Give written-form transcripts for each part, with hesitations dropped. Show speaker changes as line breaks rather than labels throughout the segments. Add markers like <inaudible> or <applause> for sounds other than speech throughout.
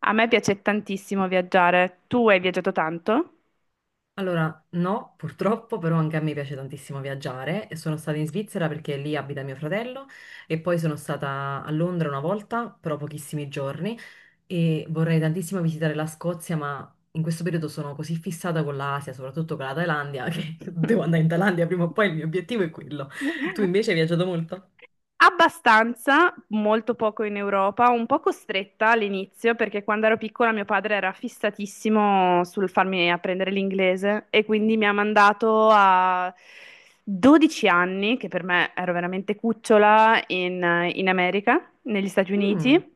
A me piace tantissimo viaggiare. Tu hai viaggiato tanto?
Allora, no, purtroppo, però anche a me piace tantissimo viaggiare e sono stata in Svizzera perché lì abita mio fratello e poi sono stata a Londra una volta, però pochissimi giorni e vorrei tantissimo visitare la Scozia, ma in questo periodo sono così fissata con l'Asia, soprattutto con la Thailandia, <laughs> che devo andare in Thailandia prima o poi, il mio obiettivo è quello. Tu invece
<laughs>
hai viaggiato molto?
Abbastanza, molto poco in Europa, un po' costretta all'inizio perché quando ero piccola mio padre era fissatissimo sul farmi apprendere l'inglese e quindi mi ha mandato a 12 anni, che per me ero veramente cucciola, in America, negli Stati
Mm.
Uniti.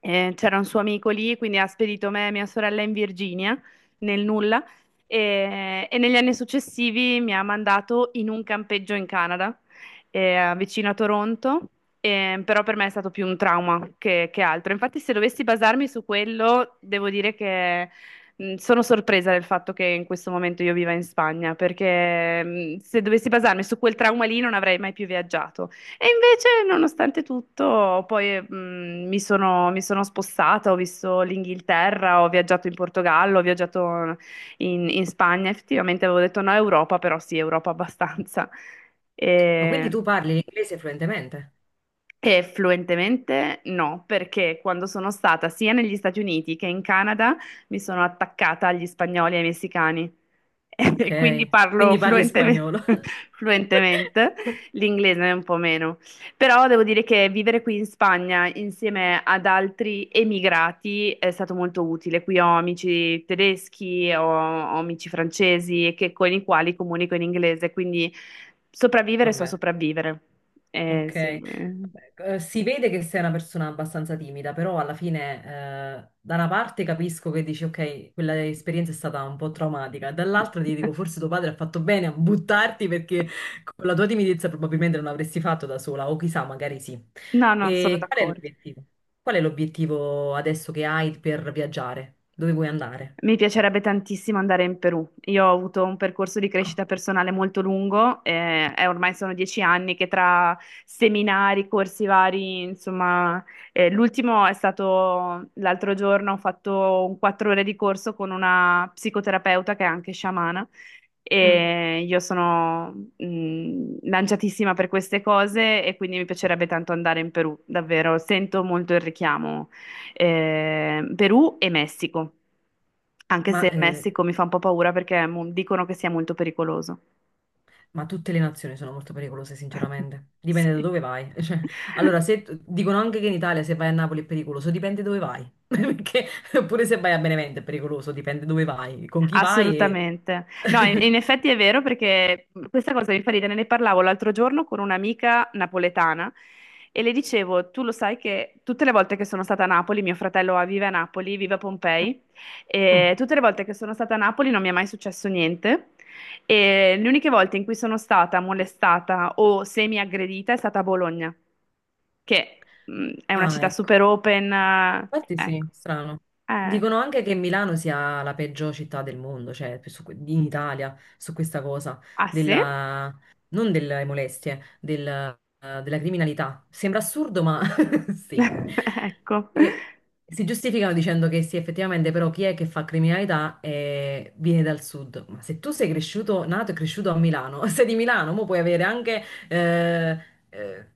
C'era un suo amico lì, quindi ha spedito me e mia sorella in Virginia, nel nulla, e negli anni successivi mi ha mandato in un campeggio in Canada, vicino a Toronto. Però per me è stato più un trauma che altro. Infatti, se dovessi basarmi su quello, devo dire che sono sorpresa del fatto che in questo momento io viva in Spagna, perché se dovessi basarmi su quel trauma lì non avrei mai più viaggiato. E invece, nonostante tutto, poi mi sono spostata, ho visto l'Inghilterra, ho viaggiato in Portogallo, ho viaggiato in Spagna. Effettivamente avevo detto no, Europa, però sì, Europa abbastanza.
Ma quindi
E-
tu parli l'inglese fluentemente?
e fluentemente no, perché quando sono stata sia negli Stati Uniti che in Canada mi sono attaccata agli spagnoli e ai messicani <laughs>
Ok,
e quindi parlo
quindi parli
fluentemente,
spagnolo. <laughs>
<laughs> fluentemente, l'inglese è un po' meno. Però devo dire che vivere qui in Spagna insieme ad altri emigrati è stato molto utile. Qui ho amici tedeschi, ho amici francesi che- con i quali comunico in inglese, quindi sopravvivere so
Vabbè.
sopravvivere.
Ok.
Sì.
Si vede che sei una persona abbastanza timida, però alla fine, da una parte capisco che dici, ok, quella esperienza è stata un po' traumatica, dall'altra ti dico, forse tuo padre ha fatto bene a buttarti perché con la tua timidezza probabilmente non avresti fatto da sola, o chissà, magari sì.
No, non sono
E qual è
d'accordo.
l'obiettivo? Qual è l'obiettivo adesso che hai per viaggiare? Dove vuoi andare?
Mi piacerebbe tantissimo andare in Perù. Io ho avuto un percorso di
Ah,
crescita personale molto lungo, e ormai sono 10 anni che tra seminari, corsi vari, insomma, l'ultimo è stato l'altro giorno, ho fatto un 4 ore di corso con una psicoterapeuta che è anche sciamana.
mm.
E io sono lanciatissima per queste cose e quindi mi piacerebbe tanto andare in Perù, davvero. Sento molto il richiamo Perù e Messico, anche se
Ma
il
eh,
Messico mi fa un po' paura perché dicono che sia molto pericoloso.
Ma tutte le nazioni sono molto pericolose,
<laughs>
sinceramente. Dipende da
Sì.
dove vai. <laughs> Cioè, allora, se dicono anche che in Italia se vai a Napoli è pericoloso, dipende dove vai. <laughs> Perché pure se vai a Benevento è pericoloso, dipende dove vai, con chi vai e...
Assolutamente. No, in,
<laughs>
in effetti è vero perché questa cosa mi fa ridere, ne parlavo l'altro giorno con un'amica napoletana e le dicevo, tu lo sai che tutte le volte che sono stata a Napoli, mio fratello vive a Napoli, vive a Pompei, e tutte le volte che sono stata a Napoli non mi è mai successo niente, e le uniche volte in cui sono stata molestata o semi-aggredita è stata a Bologna, che è una
Ah,
città
ecco.
super open,
Infatti sì,
ecco.
strano.
Eh,
Dicono anche che Milano sia la peggior città del mondo, cioè in Italia, su questa cosa,
ah sì?
della, non delle molestie, della criminalità. Sembra assurdo, ma <laughs> sì.
<laughs> Ecco.
E si giustificano dicendo che sì, effettivamente, però chi è che fa criminalità viene dal sud. Ma se tu sei cresciuto, nato e cresciuto a Milano, <laughs> sei di Milano, mo puoi avere anche eh,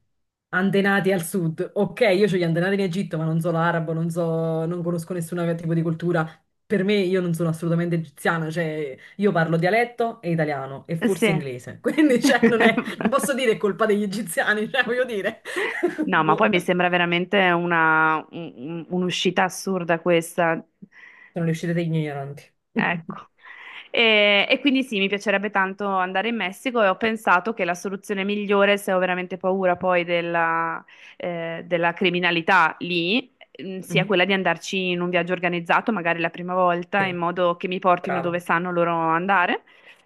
antenati al sud. Ok, io ho gli antenati in Egitto, ma non so l'arabo, non so, non conosco nessun tipo di cultura. Per me io non sono assolutamente egiziana, cioè io parlo dialetto e italiano e forse
Sì.
inglese. <laughs> Quindi cioè, non
<laughs>
è, non posso dire è colpa degli egiziani, cioè voglio dire. <laughs>
No, ma poi
Boh.
mi sembra veramente un'uscita assurda questa.
Sono le uscite degli ignoranti.
Ecco.
<laughs>
E quindi sì, mi piacerebbe tanto andare in Messico e ho pensato che la soluzione migliore, se ho veramente paura poi della, della criminalità lì, sia
Mhm.
quella di andarci in un viaggio organizzato, magari la prima volta, in
Sì,
modo che mi portino dove
brava.
sanno loro andare.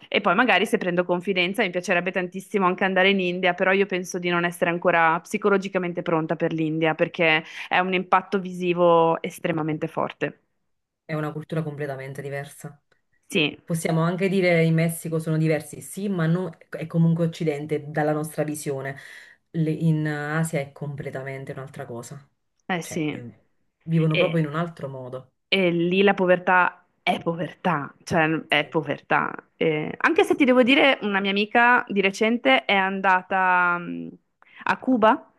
E poi magari se prendo confidenza, mi piacerebbe tantissimo anche andare in India, però io penso di non essere ancora psicologicamente pronta per l'India, perché è un impatto visivo estremamente forte.
È una cultura completamente diversa.
Sì,
Possiamo anche dire in Messico sono diversi, sì, ma è comunque occidente dalla nostra visione. In Asia è completamente un'altra cosa.
eh
Cioè,
sì.
vivono
E-
proprio in un altro modo.
E lì la povertà è povertà, cioè è
Sì,
povertà. Anche se ti
sì.
devo dire, una mia amica di recente è andata a Cuba.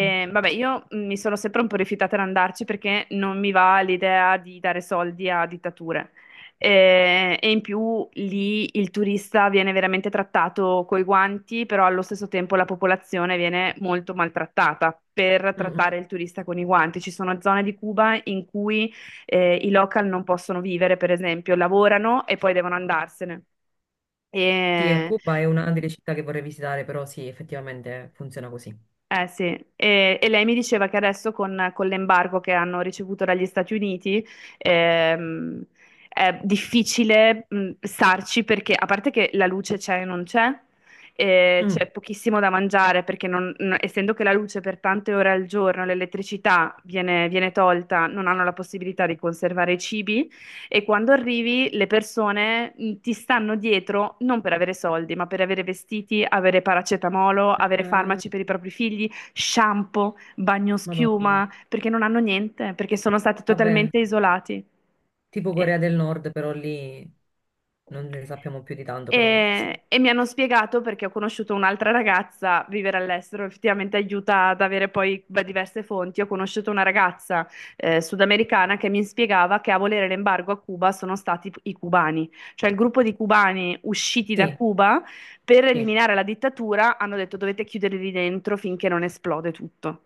Mm,
vabbè, io mi sono sempre un po' rifiutata ad andarci perché non mi va l'idea di dare soldi a dittature. E, in più lì il turista viene veramente trattato coi guanti, però allo stesso tempo la popolazione viene molto maltrattata per
mm. Mm.
trattare il turista con i guanti. Ci sono zone di Cuba in cui i local non possono vivere, per esempio, lavorano e poi devono andarsene.
Sì, a
E,
Cuba è una delle città che vorrei visitare, però sì, effettivamente funziona così.
sì. E lei mi diceva che adesso con l'embargo che hanno ricevuto dagli Stati Uniti ehm, è difficile starci perché, a parte che la luce c'è e non c'è, e
Mm.
c'è pochissimo da mangiare perché essendo che la luce per tante ore al giorno, l'elettricità viene tolta, non hanno la possibilità di conservare i cibi. E quando arrivi, le persone ti stanno dietro non per avere soldi, ma per avere vestiti, avere paracetamolo, avere
Eh,
farmaci per i propri figli, shampoo,
Madonna.
bagnoschiuma, perché non hanno niente, perché sono stati
Vabbè,
totalmente isolati.
tipo
E
Corea del Nord, però lì non ne sappiamo più di tanto, però sì.
e mi hanno spiegato, perché ho conosciuto un'altra ragazza, vivere all'estero effettivamente aiuta ad avere poi beh, diverse fonti. Ho conosciuto una ragazza sudamericana che mi spiegava che a volere l'embargo a Cuba sono stati i cubani, cioè il gruppo di cubani usciti da
Sì,
Cuba per
sì.
eliminare la dittatura hanno detto dovete chiuderli dentro finché non esplode tutto.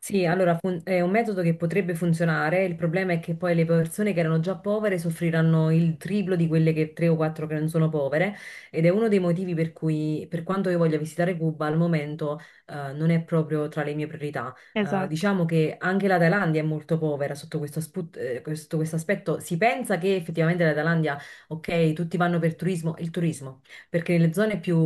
Sì, allora è un metodo che potrebbe funzionare, il problema è che poi le persone che erano già povere soffriranno il triplo di quelle che tre o quattro che non sono povere ed è uno dei motivi per cui, per quanto io voglia visitare Cuba, al momento non è proprio tra le mie priorità.
Esatto,
Diciamo che anche la Thailandia è molto povera sotto questo, questo aspetto. Si pensa che effettivamente la Thailandia, ok, tutti vanno per turismo, il turismo, perché nelle zone più,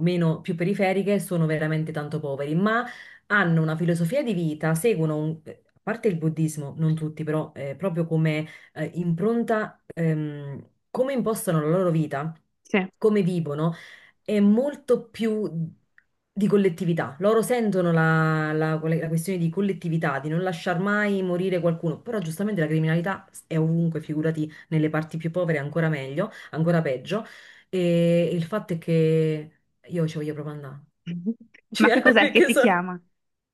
meno, più periferiche sono veramente tanto poveri, ma hanno una filosofia di vita, seguono, a parte il buddismo, non tutti, però proprio come impronta, come impostano la loro vita,
sì.
come vivono, è molto più di collettività. Loro sentono la, la questione di collettività, di non lasciar mai morire qualcuno, però giustamente la criminalità è ovunque, figurati nelle parti più povere ancora meglio, ancora peggio. E il fatto è che io ci voglio proprio andare.
<laughs>
<laughs>
Ma che
Cioè,
cos'è che
perché
ti
sono...
chiama?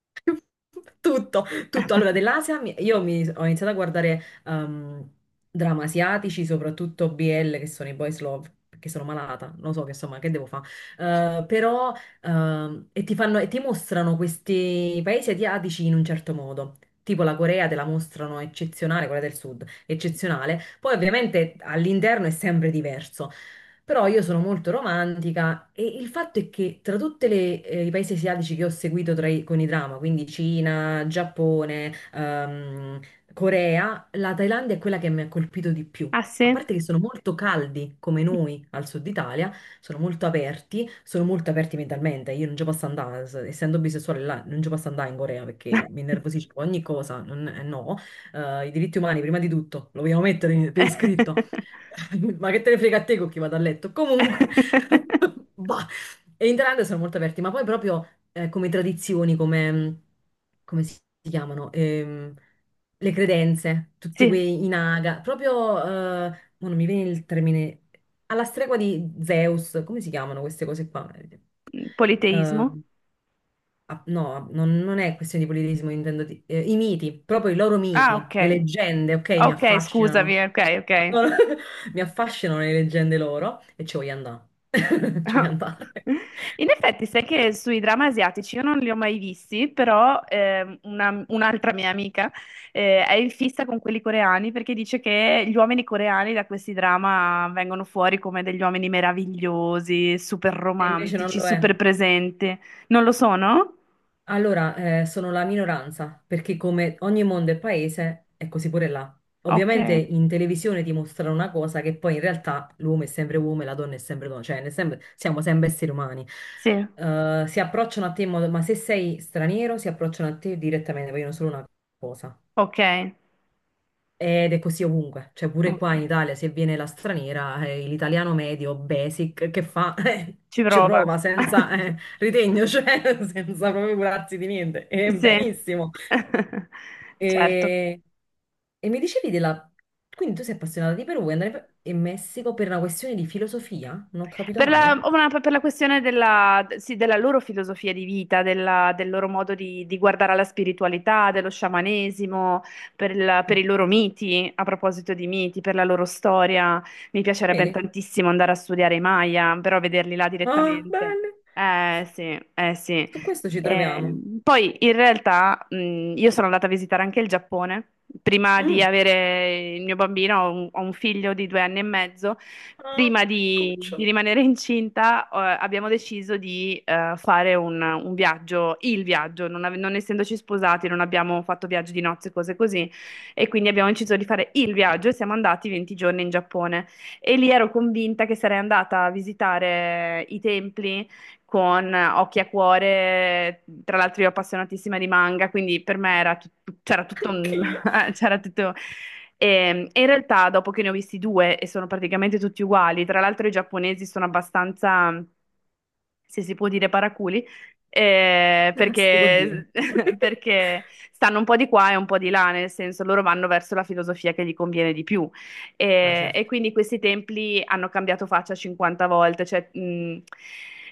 <laughs> Tutto, tutto. Allora,
<laughs>
dell'Asia ho iniziato a guardare drammi asiatici, soprattutto BL, che sono i boys love, perché sono malata, non so che insomma, che devo fare. Però, e ti fanno, e ti mostrano questi paesi asiatici in un certo modo. Tipo la Corea te la mostrano eccezionale, quella del sud, eccezionale. Poi ovviamente all'interno è sempre diverso. Però io sono molto romantica e il fatto è che tra tutti i paesi asiatici che ho seguito tra con i drama, quindi Cina, Giappone, Corea, la Thailandia è quella che mi ha colpito di più.
Ah
A
sì?
parte che sono molto caldi come noi al sud Italia, sono molto aperti mentalmente. Io non ci posso andare, essendo bisessuale là, non ci posso andare in Corea perché mi innervosisco ogni cosa, no. I diritti umani prima di tutto, lo vogliamo mettere per iscritto.
<laughs>
<laughs> Ma che te ne frega a te con chi vado a letto? Comunque, <laughs>
<laughs>
bah. E in Thailandia sono molto aperti, ma poi proprio come tradizioni, come, come si chiamano? Le credenze, tutti
Sì,
quei i naga, proprio, eh, mo non mi viene il termine, alla stregua di Zeus, come si chiamano queste cose qua? Eh,
politeismo.
Ah, no, non, non è questione di politismo, intendo i miti, proprio i loro
Ah,
miti, le
ok.
leggende, ok, mi
Ok,
affascinano.
scusami, ok, ok.
No, no, <laughs> mi affascinano le leggende loro e ci voglio andare. <laughs> Ci voglio andare.
<laughs> In effetti, sai che sui dramma asiatici io non li ho mai visti, però un'altra mia amica è in fissa con quelli coreani perché dice che gli uomini coreani da questi drama vengono fuori come degli uomini meravigliosi, super
E invece non
romantici,
lo è.
super presenti. Non lo sono?
Allora, sono la minoranza, perché come ogni mondo e paese è così pure là.
Ok,
Ovviamente in televisione ti mostrano una cosa che poi in realtà l'uomo è sempre uomo e la donna è sempre donna, cioè siamo sempre esseri umani.
sì,
Si approcciano a te in modo, ma se sei straniero si approcciano a te direttamente, vogliono solo una cosa.
ok,
Ed è così ovunque, cioè pure
ok.
qua in Italia se viene la straniera, l'italiano medio, basic, che fa? <laughs>
Ci
Ci
prova.
prova senza
<laughs>
ritegno, cioè <laughs> senza proprio curarsi di niente.
Sì,
Benissimo.
<laughs> certo.
E, e mi dicevi della... Quindi tu sei appassionata di Perù, vuoi andare in in Messico per una questione di filosofia? Non ho capito
Per la,
male?
una- per la questione della, sì, della loro filosofia di vita, del loro modo di guardare alla spiritualità, dello sciamanesimo, per, il-
Ah,
per i loro miti, a proposito di miti, per la loro storia. Mi piacerebbe
vedi?
tantissimo andare a studiare i Maya, però vederli là
Ah,
direttamente.
bene.
Eh sì, eh sì.
Su questo ci troviamo.
Poi in realtà io sono andata a visitare anche il Giappone. Prima di
Mm.
avere il mio bambino, ho un figlio di 2 anni e mezzo,
Ah,
prima di
cuccio,
rimanere incinta, abbiamo deciso di fare un viaggio, il viaggio, non essendoci sposati, non abbiamo fatto viaggi di nozze, cose così, e quindi abbiamo deciso di fare il viaggio e siamo andati 20 giorni in Giappone. E lì ero convinta che sarei andata a visitare i templi con occhi a cuore, tra l'altro io appassionatissima di manga, quindi per me c'era tutto un
anch'io.
<laughs> c'era tutto. E e in realtà, dopo che ne ho visti due e sono praticamente tutti uguali, tra l'altro i giapponesi sono abbastanza, se si può dire, paraculi,
<laughs> Che si può dire?
perché, <laughs> perché stanno un po' di qua e un po' di là, nel senso loro vanno verso la filosofia che gli conviene di più.
Ah,
E
certo.
quindi questi templi hanno cambiato faccia 50 volte, cioè, mh,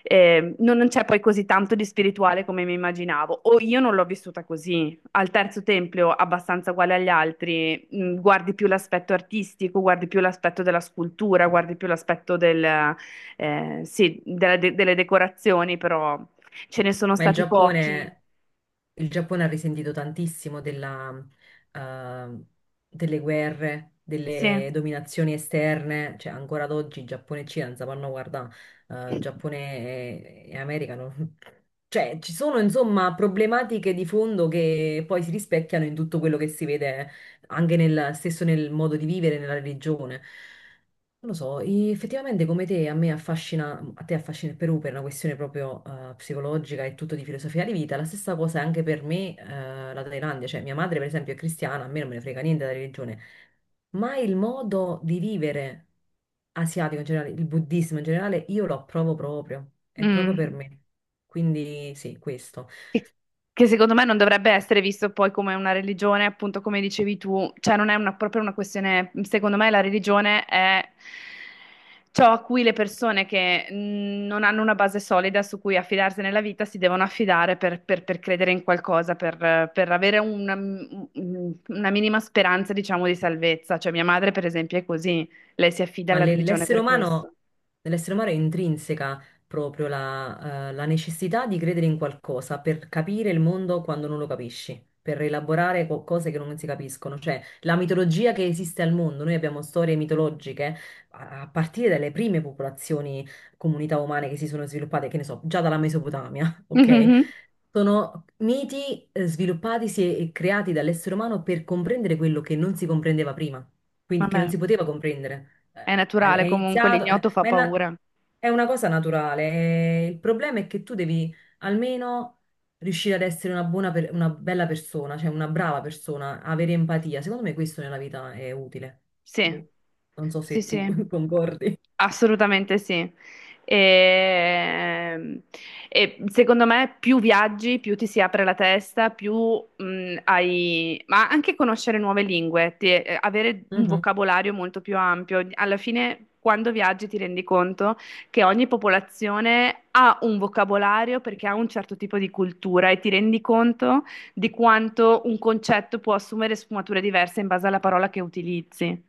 eh, non c'è poi così tanto di spirituale come mi immaginavo, o io non l'ho vissuta così. Al terzo tempio, abbastanza uguale agli altri, guardi più l'aspetto artistico, guardi più l'aspetto della scultura, guardi più l'aspetto del, sì, della delle decorazioni, però ce ne sono
Ma
stati pochi.
Il Giappone ha risentito tantissimo della, eh, delle guerre,
Sì.
delle dominazioni esterne, cioè ancora ad oggi Giappone e Cina non si fanno guardare, Giappone e America <laughs> Cioè, ci sono insomma problematiche di fondo che poi si rispecchiano in tutto quello che si vede anche nel, stesso nel modo di vivere, nella religione. Non lo so, effettivamente come te, a me affascina, a te affascina il Perù per una questione proprio psicologica e tutto di filosofia di vita, la stessa cosa è anche per me la Thailandia, cioè mia madre per esempio è cristiana, a me non me ne frega niente della religione, ma il modo di vivere asiatico in generale, il buddismo in generale, io lo approvo proprio, è proprio
Mm.
per me. Quindi sì, questo.
che che secondo me non dovrebbe essere visto poi come una religione, appunto come dicevi tu, cioè non è una- proprio una questione, secondo me la religione è ciò a cui le persone che non hanno una base solida su cui affidarsi nella vita si devono affidare per, per credere in qualcosa, per avere una minima speranza, diciamo, di salvezza. Cioè mia madre, per esempio, è così, lei si affida
Ma
alla religione
l'essere
per
umano,
questo.
nell'essere umano è intrinseca proprio la, la necessità di credere in qualcosa per capire il mondo quando non lo capisci, per elaborare cose che non si capiscono. Cioè, la mitologia che esiste al mondo, noi abbiamo storie mitologiche a, a partire dalle prime popolazioni, comunità umane che si sono sviluppate, che ne so, già dalla Mesopotamia, <laughs> ok?
Mhm.
Sono miti sviluppatisi e creati dall'essere umano per comprendere quello che non si comprendeva prima, quindi che non
Vabbè,
si poteva comprendere.
è
È
naturale comunque,
iniziato,
l'ignoto fa paura.
è una cosa naturale. Il problema è che tu devi almeno riuscire ad essere una buona, una bella persona, cioè una brava persona, avere empatia. Secondo me questo nella vita è utile.
Sì.
Boh, non so
Sì,
se tu
sì.
<laughs> concordi.
Assolutamente sì. E e secondo me più viaggi, più ti si apre la testa, più hai. Ma anche conoscere nuove lingue, avere un
Mhm.
vocabolario molto più ampio. Alla fine, quando viaggi, ti rendi conto che ogni popolazione ha un vocabolario perché ha un certo tipo di cultura, e ti rendi conto di quanto un concetto può assumere sfumature diverse in base alla parola che utilizzi.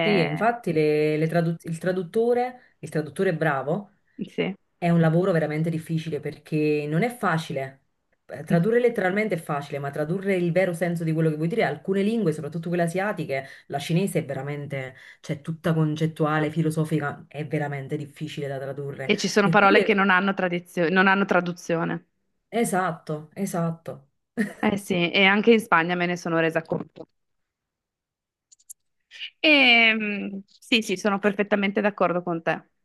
Sì, e infatti il traduttore bravo
Sì.
è un lavoro veramente difficile perché non è facile.
No.
Tradurre letteralmente è facile, ma tradurre il vero senso di quello che vuoi dire, alcune lingue, soprattutto quelle asiatiche, la cinese è veramente, cioè tutta concettuale, filosofica, è veramente difficile da tradurre.
E ci sono parole che
Eppure,
non hanno non hanno traduzione.
esatto, esatto.
Eh sì, e anche in Spagna me ne sono resa conto. Sì, sì, sono perfettamente d'accordo con te.